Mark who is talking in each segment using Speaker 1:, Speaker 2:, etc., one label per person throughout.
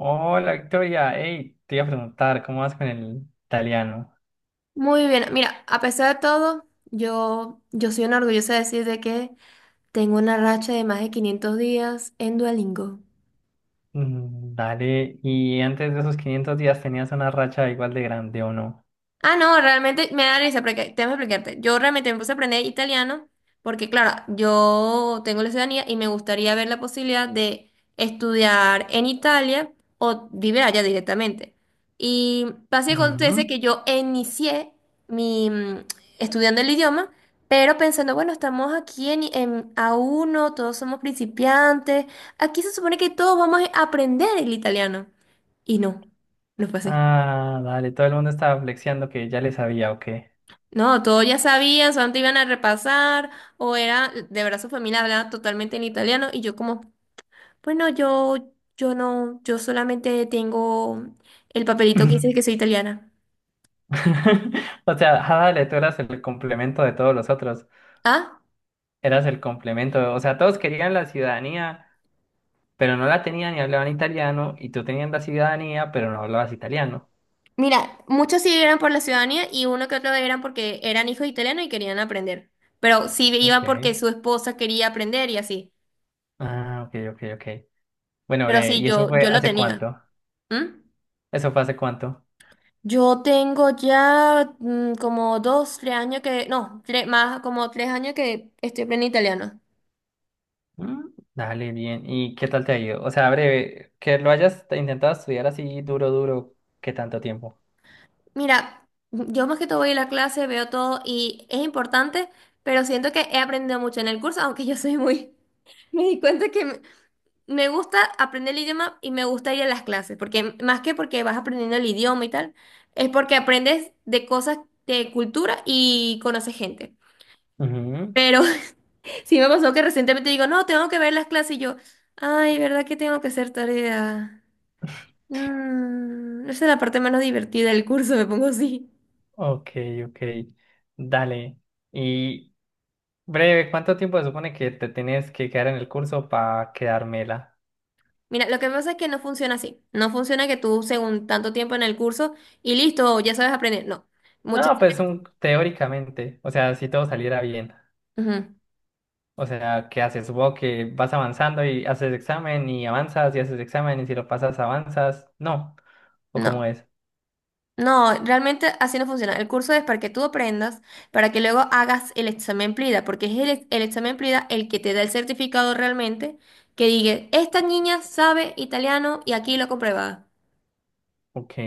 Speaker 1: Hola Victoria, hey, te iba a preguntar, ¿cómo vas con el italiano?
Speaker 2: Muy bien, mira, a pesar de todo, yo soy una orgullosa de decir de que tengo una racha de más de 500 días en Duolingo.
Speaker 1: Dale, ¿y antes de esos 500 días tenías una racha igual de grande o no?
Speaker 2: Ah, no, realmente me da risa, porque tengo que explicarte. Yo realmente me puse a aprender italiano porque, claro, yo tengo la ciudadanía y me gustaría ver la posibilidad de estudiar en Italia o vivir allá directamente. Y pasa y
Speaker 1: Ujú.
Speaker 2: acontece que yo inicié mi estudiando el idioma, pero pensando, bueno, estamos aquí en a uno, todos somos principiantes, aquí se supone que todos vamos a aprender el italiano. Y no, no fue así.
Speaker 1: Ah, dale, todo el mundo estaba flexiando que ya le sabía o qué.
Speaker 2: No, todos ya sabían, solamente iban a repasar, o era, de verdad su familia hablaba totalmente en italiano, y yo como, bueno, yo no, yo solamente tengo el papelito que dice que soy italiana.
Speaker 1: O sea, ah, dale, tú eras el complemento de todos los otros,
Speaker 2: Ah,
Speaker 1: eras el complemento, o sea, todos querían la ciudadanía, pero no la tenían y hablaban italiano, y tú tenías la ciudadanía, pero no hablabas italiano.
Speaker 2: mira, muchos sí eran por la ciudadanía y uno que otro eran porque eran hijos italianos y querían aprender. Pero sí
Speaker 1: Ok.
Speaker 2: iban porque su esposa quería aprender y así.
Speaker 1: Ah, ok, ok, ok. Bueno,
Speaker 2: Pero
Speaker 1: bre,
Speaker 2: sí,
Speaker 1: ¿y eso
Speaker 2: yo,
Speaker 1: fue
Speaker 2: yo lo
Speaker 1: hace
Speaker 2: tenía.
Speaker 1: cuánto?
Speaker 2: ¿Mm?
Speaker 1: ¿Eso fue hace cuánto?
Speaker 2: Yo tengo ya como dos, tres años que, no, tres, más como 3 años que estoy aprendiendo italiano.
Speaker 1: Mm, Dale, bien. ¿Y qué tal te ha ido? O sea, breve, que lo hayas intentado estudiar así duro, duro, ¿qué tanto tiempo?
Speaker 2: Mira, yo más que todo voy a la clase, veo todo y es importante, pero siento que he aprendido mucho en el curso, aunque yo soy muy... Me di cuenta que me gusta aprender el idioma y me gusta ir a las clases, porque más que porque vas aprendiendo el idioma y tal, es porque aprendes de cosas de cultura y conoces gente.
Speaker 1: Ujú.
Speaker 2: Pero sí me pasó que recientemente digo, no, tengo que ver las clases y yo, ay, ¿verdad que tengo que hacer tarea? Esa es la parte menos divertida del curso, me pongo así.
Speaker 1: Ok, ok. Dale. Y breve, ¿cuánto tiempo se supone que te tienes que quedar en el curso para quedármela?
Speaker 2: Mira, lo que pasa es que no funciona así. No funciona que tú, según tanto tiempo en el curso, y listo, ya sabes aprender. No. Muchas
Speaker 1: No, pues
Speaker 2: veces.
Speaker 1: un, teóricamente. O sea, si todo saliera bien.
Speaker 2: Ujú.
Speaker 1: O sea, ¿qué haces? Supongo que vas avanzando y haces examen y avanzas y haces examen y si lo pasas avanzas. No. ¿O cómo
Speaker 2: No.
Speaker 1: es?
Speaker 2: No, realmente así no funciona. El curso es para que tú aprendas, para que luego hagas el examen PLIDA, porque es el, el examen PLIDA el que te da el certificado realmente, que diga, esta niña sabe italiano y aquí lo comprueba.
Speaker 1: Ok.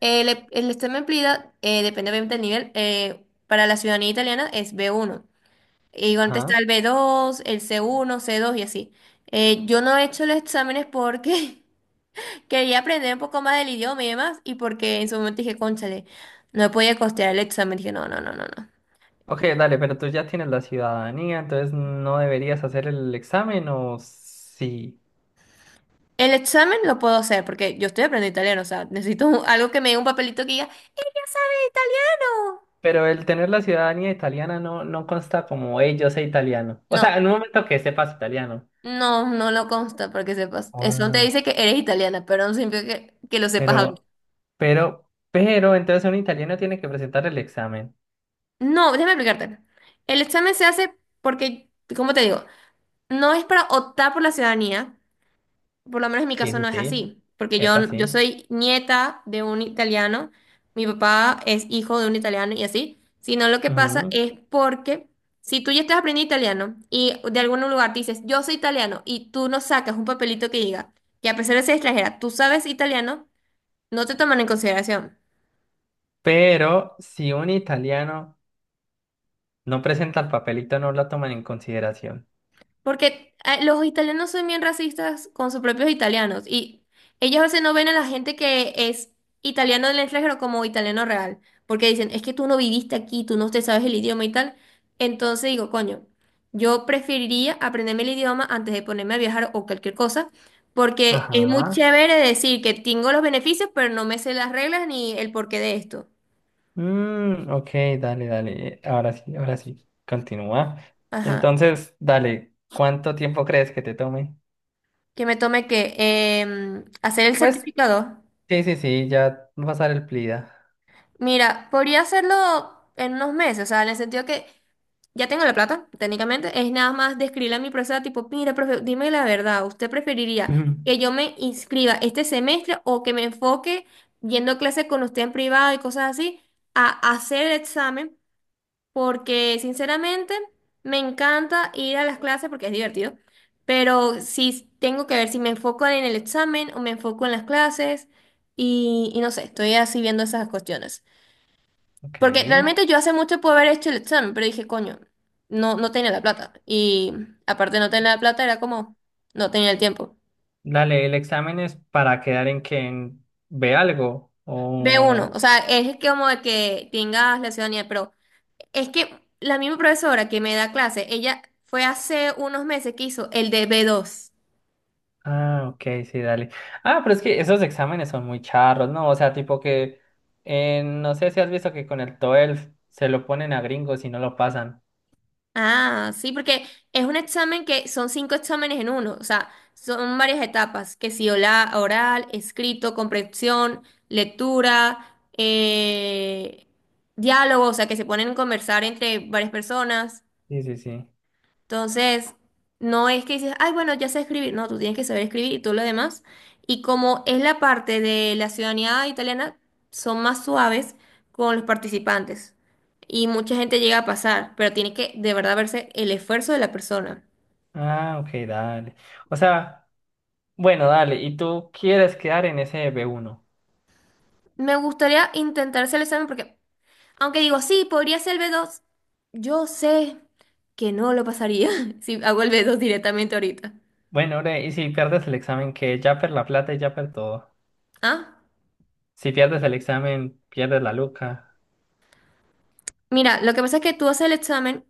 Speaker 2: El, el examen PLIDA, depende obviamente del nivel, para la ciudadanía italiana es B1. Y igual
Speaker 1: Ajá.
Speaker 2: está el B2, el C1, C2 y así. Yo no he hecho los exámenes porque quería aprender un poco más del idioma y demás, y porque en su momento dije, cónchale, no podía costear el examen. Dije, no, no, no, no, no.
Speaker 1: Ok, dale, pero tú ya tienes la ciudadanía, entonces no deberías hacer el examen o sí.
Speaker 2: El examen lo puedo hacer porque yo estoy aprendiendo italiano, o sea, necesito algo que me dé un papelito que diga, ya sabes italiano.
Speaker 1: Pero el tener la ciudadanía italiana no, no consta como, hey, yo sé italiano. O sea,
Speaker 2: No,
Speaker 1: en un momento que sepas italiano.
Speaker 2: no, no lo consta porque sepas. Eso te
Speaker 1: Ah,
Speaker 2: dice que eres italiana, pero no significa que lo sepas hablar.
Speaker 1: Pero, pero, entonces un italiano tiene que presentar el examen.
Speaker 2: No, déjame explicarte. El examen se hace porque, como te digo? No es para optar por la ciudadanía. Por lo menos en mi
Speaker 1: Sí,
Speaker 2: caso
Speaker 1: sí,
Speaker 2: no es
Speaker 1: sí.
Speaker 2: así, porque
Speaker 1: Epa,
Speaker 2: yo
Speaker 1: sí.
Speaker 2: soy nieta de un italiano, mi papá es hijo de un italiano y así, sino lo que pasa
Speaker 1: Ujú.
Speaker 2: es porque si tú ya estás aprendiendo italiano y de algún lugar te dices, yo soy italiano y tú no sacas un papelito que diga que a pesar de ser extranjera, tú sabes italiano, no te toman en consideración.
Speaker 1: Pero si un italiano no presenta el papelito, no lo toman en consideración.
Speaker 2: Porque los italianos son bien racistas con sus propios italianos y ellos a veces no ven a la gente que es italiano del extranjero como italiano real, porque dicen, es que tú no viviste aquí, tú no te sabes el idioma y tal. Entonces digo, coño, yo preferiría aprenderme el idioma antes de ponerme a viajar o cualquier cosa, porque es muy
Speaker 1: Ajá.
Speaker 2: chévere decir que tengo los beneficios, pero no me sé las reglas ni el porqué de esto.
Speaker 1: Ok, dale, dale. Ahora sí, ahora sí. Continúa.
Speaker 2: Ajá.
Speaker 1: Entonces, dale, ¿cuánto tiempo crees que te tome?
Speaker 2: Que me tome que hacer el
Speaker 1: Pues,
Speaker 2: certificado.
Speaker 1: sí, sí, sí, ya va a pasar el PLIDA.
Speaker 2: Mira, podría hacerlo en unos meses, o sea, en el sentido que ya tengo la plata, técnicamente, es nada más de escribirle a mi profesora, tipo, mira, profe, dime la verdad, ¿usted preferiría que yo me inscriba este semestre o que me enfoque yendo a clase con usted en privado y cosas así, a hacer el examen? Porque, sinceramente, me encanta ir a las clases porque es divertido, pero si tengo que ver si me enfoco en el examen o me enfoco en las clases y no sé, estoy así viendo esas cuestiones.
Speaker 1: Ok.
Speaker 2: Porque realmente yo hace mucho pude haber hecho el examen, pero dije, coño, no, no tenía la plata. Y aparte de no tener la plata, era como, no tenía el tiempo.
Speaker 1: Dale, ¿el examen es para quedar en quien ve algo?
Speaker 2: B1
Speaker 1: O...
Speaker 2: o sea, es que como de que tengas la ciudadanía, pero es que la misma profesora que me da clase, ella fue hace unos meses que hizo el de B2.
Speaker 1: Ah, ok, sí, dale. Ah, pero es que esos exámenes son muy charros, ¿no? O sea, tipo que... no sé si has visto que con el TOEFL se lo ponen a gringos y no lo pasan.
Speaker 2: Ah, sí, porque es un examen que son cinco exámenes en uno, o sea, son varias etapas, que si oral, escrito, comprensión, lectura, diálogo, o sea, que se ponen a conversar entre varias personas.
Speaker 1: Sí, sí, sí.
Speaker 2: Entonces, no es que dices, ay, bueno, ya sé escribir. No, tú tienes que saber escribir y todo lo demás. Y como es la parte de la ciudadanía italiana, son más suaves con los participantes. Y mucha gente llega a pasar, pero tiene que de verdad verse el esfuerzo de la persona.
Speaker 1: Ah, ok, dale. O sea, bueno, dale, y tú quieres quedar en ese B1.
Speaker 2: Me gustaría intentar hacer el examen porque, aunque digo, sí, podría ser el B2. Yo sé que no lo pasaría si hago el B2 directamente ahorita.
Speaker 1: Bueno, bre, y si pierdes el examen, que ya per la plata y ya per todo.
Speaker 2: Ah,
Speaker 1: Si pierdes el examen, pierdes la luca.
Speaker 2: mira, lo que pasa es que tú haces el examen.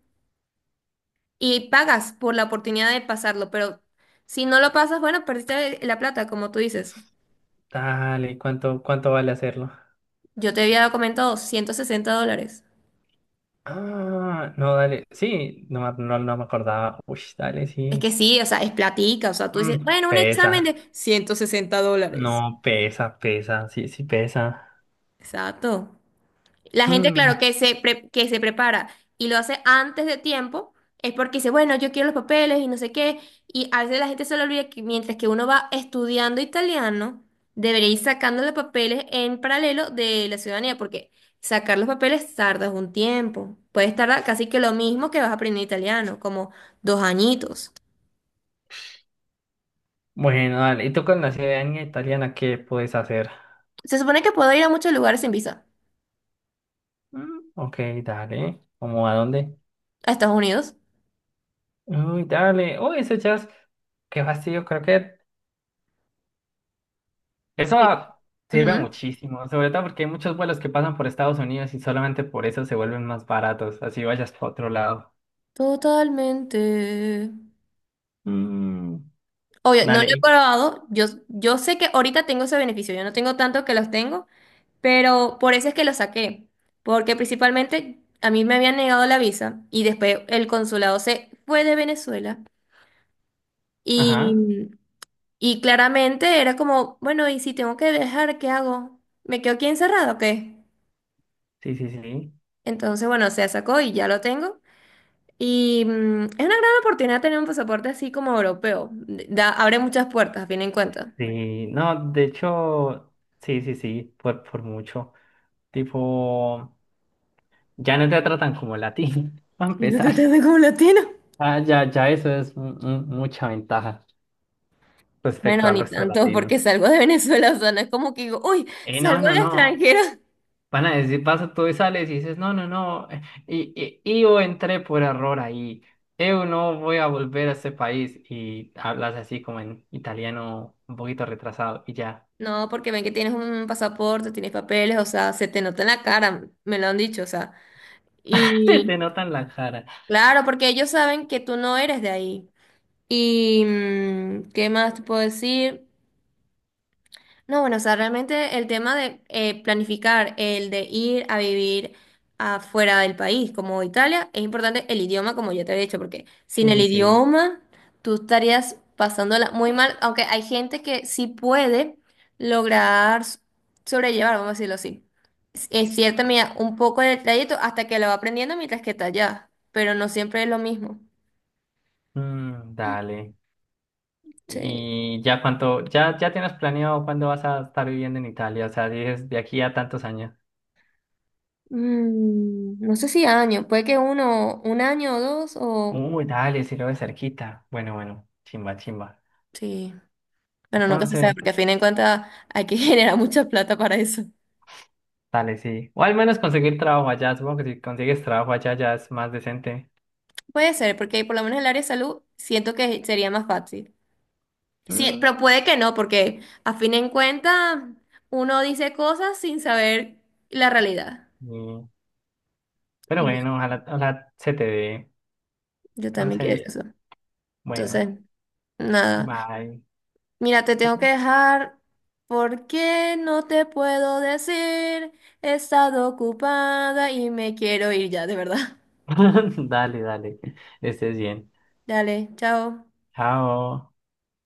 Speaker 2: Y pagas por la oportunidad de pasarlo, pero si no lo pasas, bueno, perdiste la plata, como tú dices.
Speaker 1: Dale, ¿cuánto, cuánto vale hacerlo?
Speaker 2: Yo te había comentado $160.
Speaker 1: Ah, no, dale. Sí, no, no, no me acordaba. Uy, dale,
Speaker 2: Es
Speaker 1: sí.
Speaker 2: que sí, o sea, es platica, o sea, tú dices,
Speaker 1: Mm,
Speaker 2: bueno, un examen
Speaker 1: pesa.
Speaker 2: de $160.
Speaker 1: No, pesa, pesa. Sí, sí, pesa.
Speaker 2: Exacto. La gente,
Speaker 1: Mm,
Speaker 2: claro, que se, que se prepara y lo hace antes de tiempo, es porque dice, bueno, yo quiero los papeles y no sé qué. Y a veces la gente se le olvida que mientras que uno va estudiando italiano, debería ir sacando los papeles en paralelo de la ciudadanía, porque sacar los papeles tardas un tiempo. Puedes tardar casi que lo mismo que vas a aprender italiano, como 2 añitos.
Speaker 1: Bueno, dale. ¿Y tú con la ciudadanía italiana qué puedes hacer?
Speaker 2: Se supone que puedo ir a muchos lugares sin visa,
Speaker 1: Ok, dale. ¿Cómo a dónde?
Speaker 2: a Estados Unidos.
Speaker 1: Uy, dale. Uy, eso ya es... Qué fastidio, creo que eso
Speaker 2: Sí.
Speaker 1: sirve
Speaker 2: Ujú.
Speaker 1: muchísimo, sobre todo porque hay muchos vuelos que pasan por Estados Unidos y solamente por eso se vuelven más baratos, así vayas para otro lado.
Speaker 2: Totalmente.
Speaker 1: Mm,
Speaker 2: Obvio, no lo
Speaker 1: Dale.
Speaker 2: he probado. Yo sé que ahorita tengo ese beneficio. Yo no tengo tanto que los tengo, pero por eso es que los saqué. Porque principalmente a mí me habían negado la visa y después el consulado se fue de Venezuela.
Speaker 1: Ajá.
Speaker 2: Y, y claramente era como, bueno, ¿y si tengo que dejar, qué hago? ¿Me quedo aquí encerrado o qué?
Speaker 1: Sí, sí, sí.
Speaker 2: Entonces, bueno, se sacó y ya lo tengo. Y es una gran oportunidad tener un pasaporte así como europeo. Da, abre muchas puertas, a fin en cuenta.
Speaker 1: Sí, no, de hecho, sí, sí, sí, por mucho. Tipo, ya no te tratan como latino, para
Speaker 2: Yo no te
Speaker 1: empezar.
Speaker 2: tengo como latino.
Speaker 1: Ah, ya, ya eso es mucha ventaja respecto
Speaker 2: Bueno,
Speaker 1: al
Speaker 2: ni
Speaker 1: resto de
Speaker 2: tanto, porque
Speaker 1: latinos.
Speaker 2: salgo de Venezuela, o sea, no es como que digo, uy,
Speaker 1: Y no,
Speaker 2: salgo
Speaker 1: no,
Speaker 2: del
Speaker 1: no.
Speaker 2: extranjero.
Speaker 1: Van a decir, vas tú y sales y dices, no, no, no, y yo entré por error ahí, yo no voy a volver a este país y hablas así como en italiano un poquito retrasado y ya,
Speaker 2: No, porque ven que tienes un pasaporte, tienes papeles, o sea, se te nota en la cara, me lo han dicho, o sea.
Speaker 1: se
Speaker 2: Y
Speaker 1: te notan la cara.
Speaker 2: claro, porque ellos saben que tú no eres de ahí. ¿Y qué más te puedo decir? No, bueno, o sea, realmente el tema de planificar el de ir a vivir afuera del país, como Italia, es importante el idioma, como ya te he dicho, porque sin el
Speaker 1: Sí, sí.
Speaker 2: idioma tú estarías pasándola muy mal, aunque hay gente que sí puede lograr sobrellevar, vamos a decirlo así, en cierta medida un poco el trayecto hasta que lo va aprendiendo mientras que está allá, pero no siempre es lo mismo.
Speaker 1: Dale.
Speaker 2: Sí.
Speaker 1: Y ya cuánto, ya, ya tienes planeado cuándo vas a estar viviendo en Italia, o sea, dices de aquí a tantos años.
Speaker 2: No sé si años, puede que uno, un año o dos o...
Speaker 1: Uy, dale, si lo ves cerquita. Bueno, bueno, chimba, chimba.
Speaker 2: Sí. Bueno, nunca se sabe,
Speaker 1: Entonces...
Speaker 2: porque a fin de cuentas hay que generar mucha plata para eso.
Speaker 1: Dale, sí. O al menos conseguir trabajo allá. Supongo que si consigues trabajo allá ya es más decente.
Speaker 2: Puede ser, porque por lo menos el área de salud siento que sería más fácil. Sí,
Speaker 1: Mm,
Speaker 2: pero puede que no, porque a fin de cuentas uno dice cosas sin saber la realidad.
Speaker 1: y- Pero
Speaker 2: Yo
Speaker 1: bueno, ojalá, ojalá se te dé.
Speaker 2: yo también quiero
Speaker 1: Entonces,
Speaker 2: eso.
Speaker 1: bueno,
Speaker 2: Entonces, nada.
Speaker 1: bye.
Speaker 2: Mira, te tengo que
Speaker 1: Sí.
Speaker 2: dejar porque no te puedo decir. He estado ocupada y me quiero ir ya, de verdad.
Speaker 1: Dale, dale. Estés bien.
Speaker 2: Dale, chao.
Speaker 1: Chao.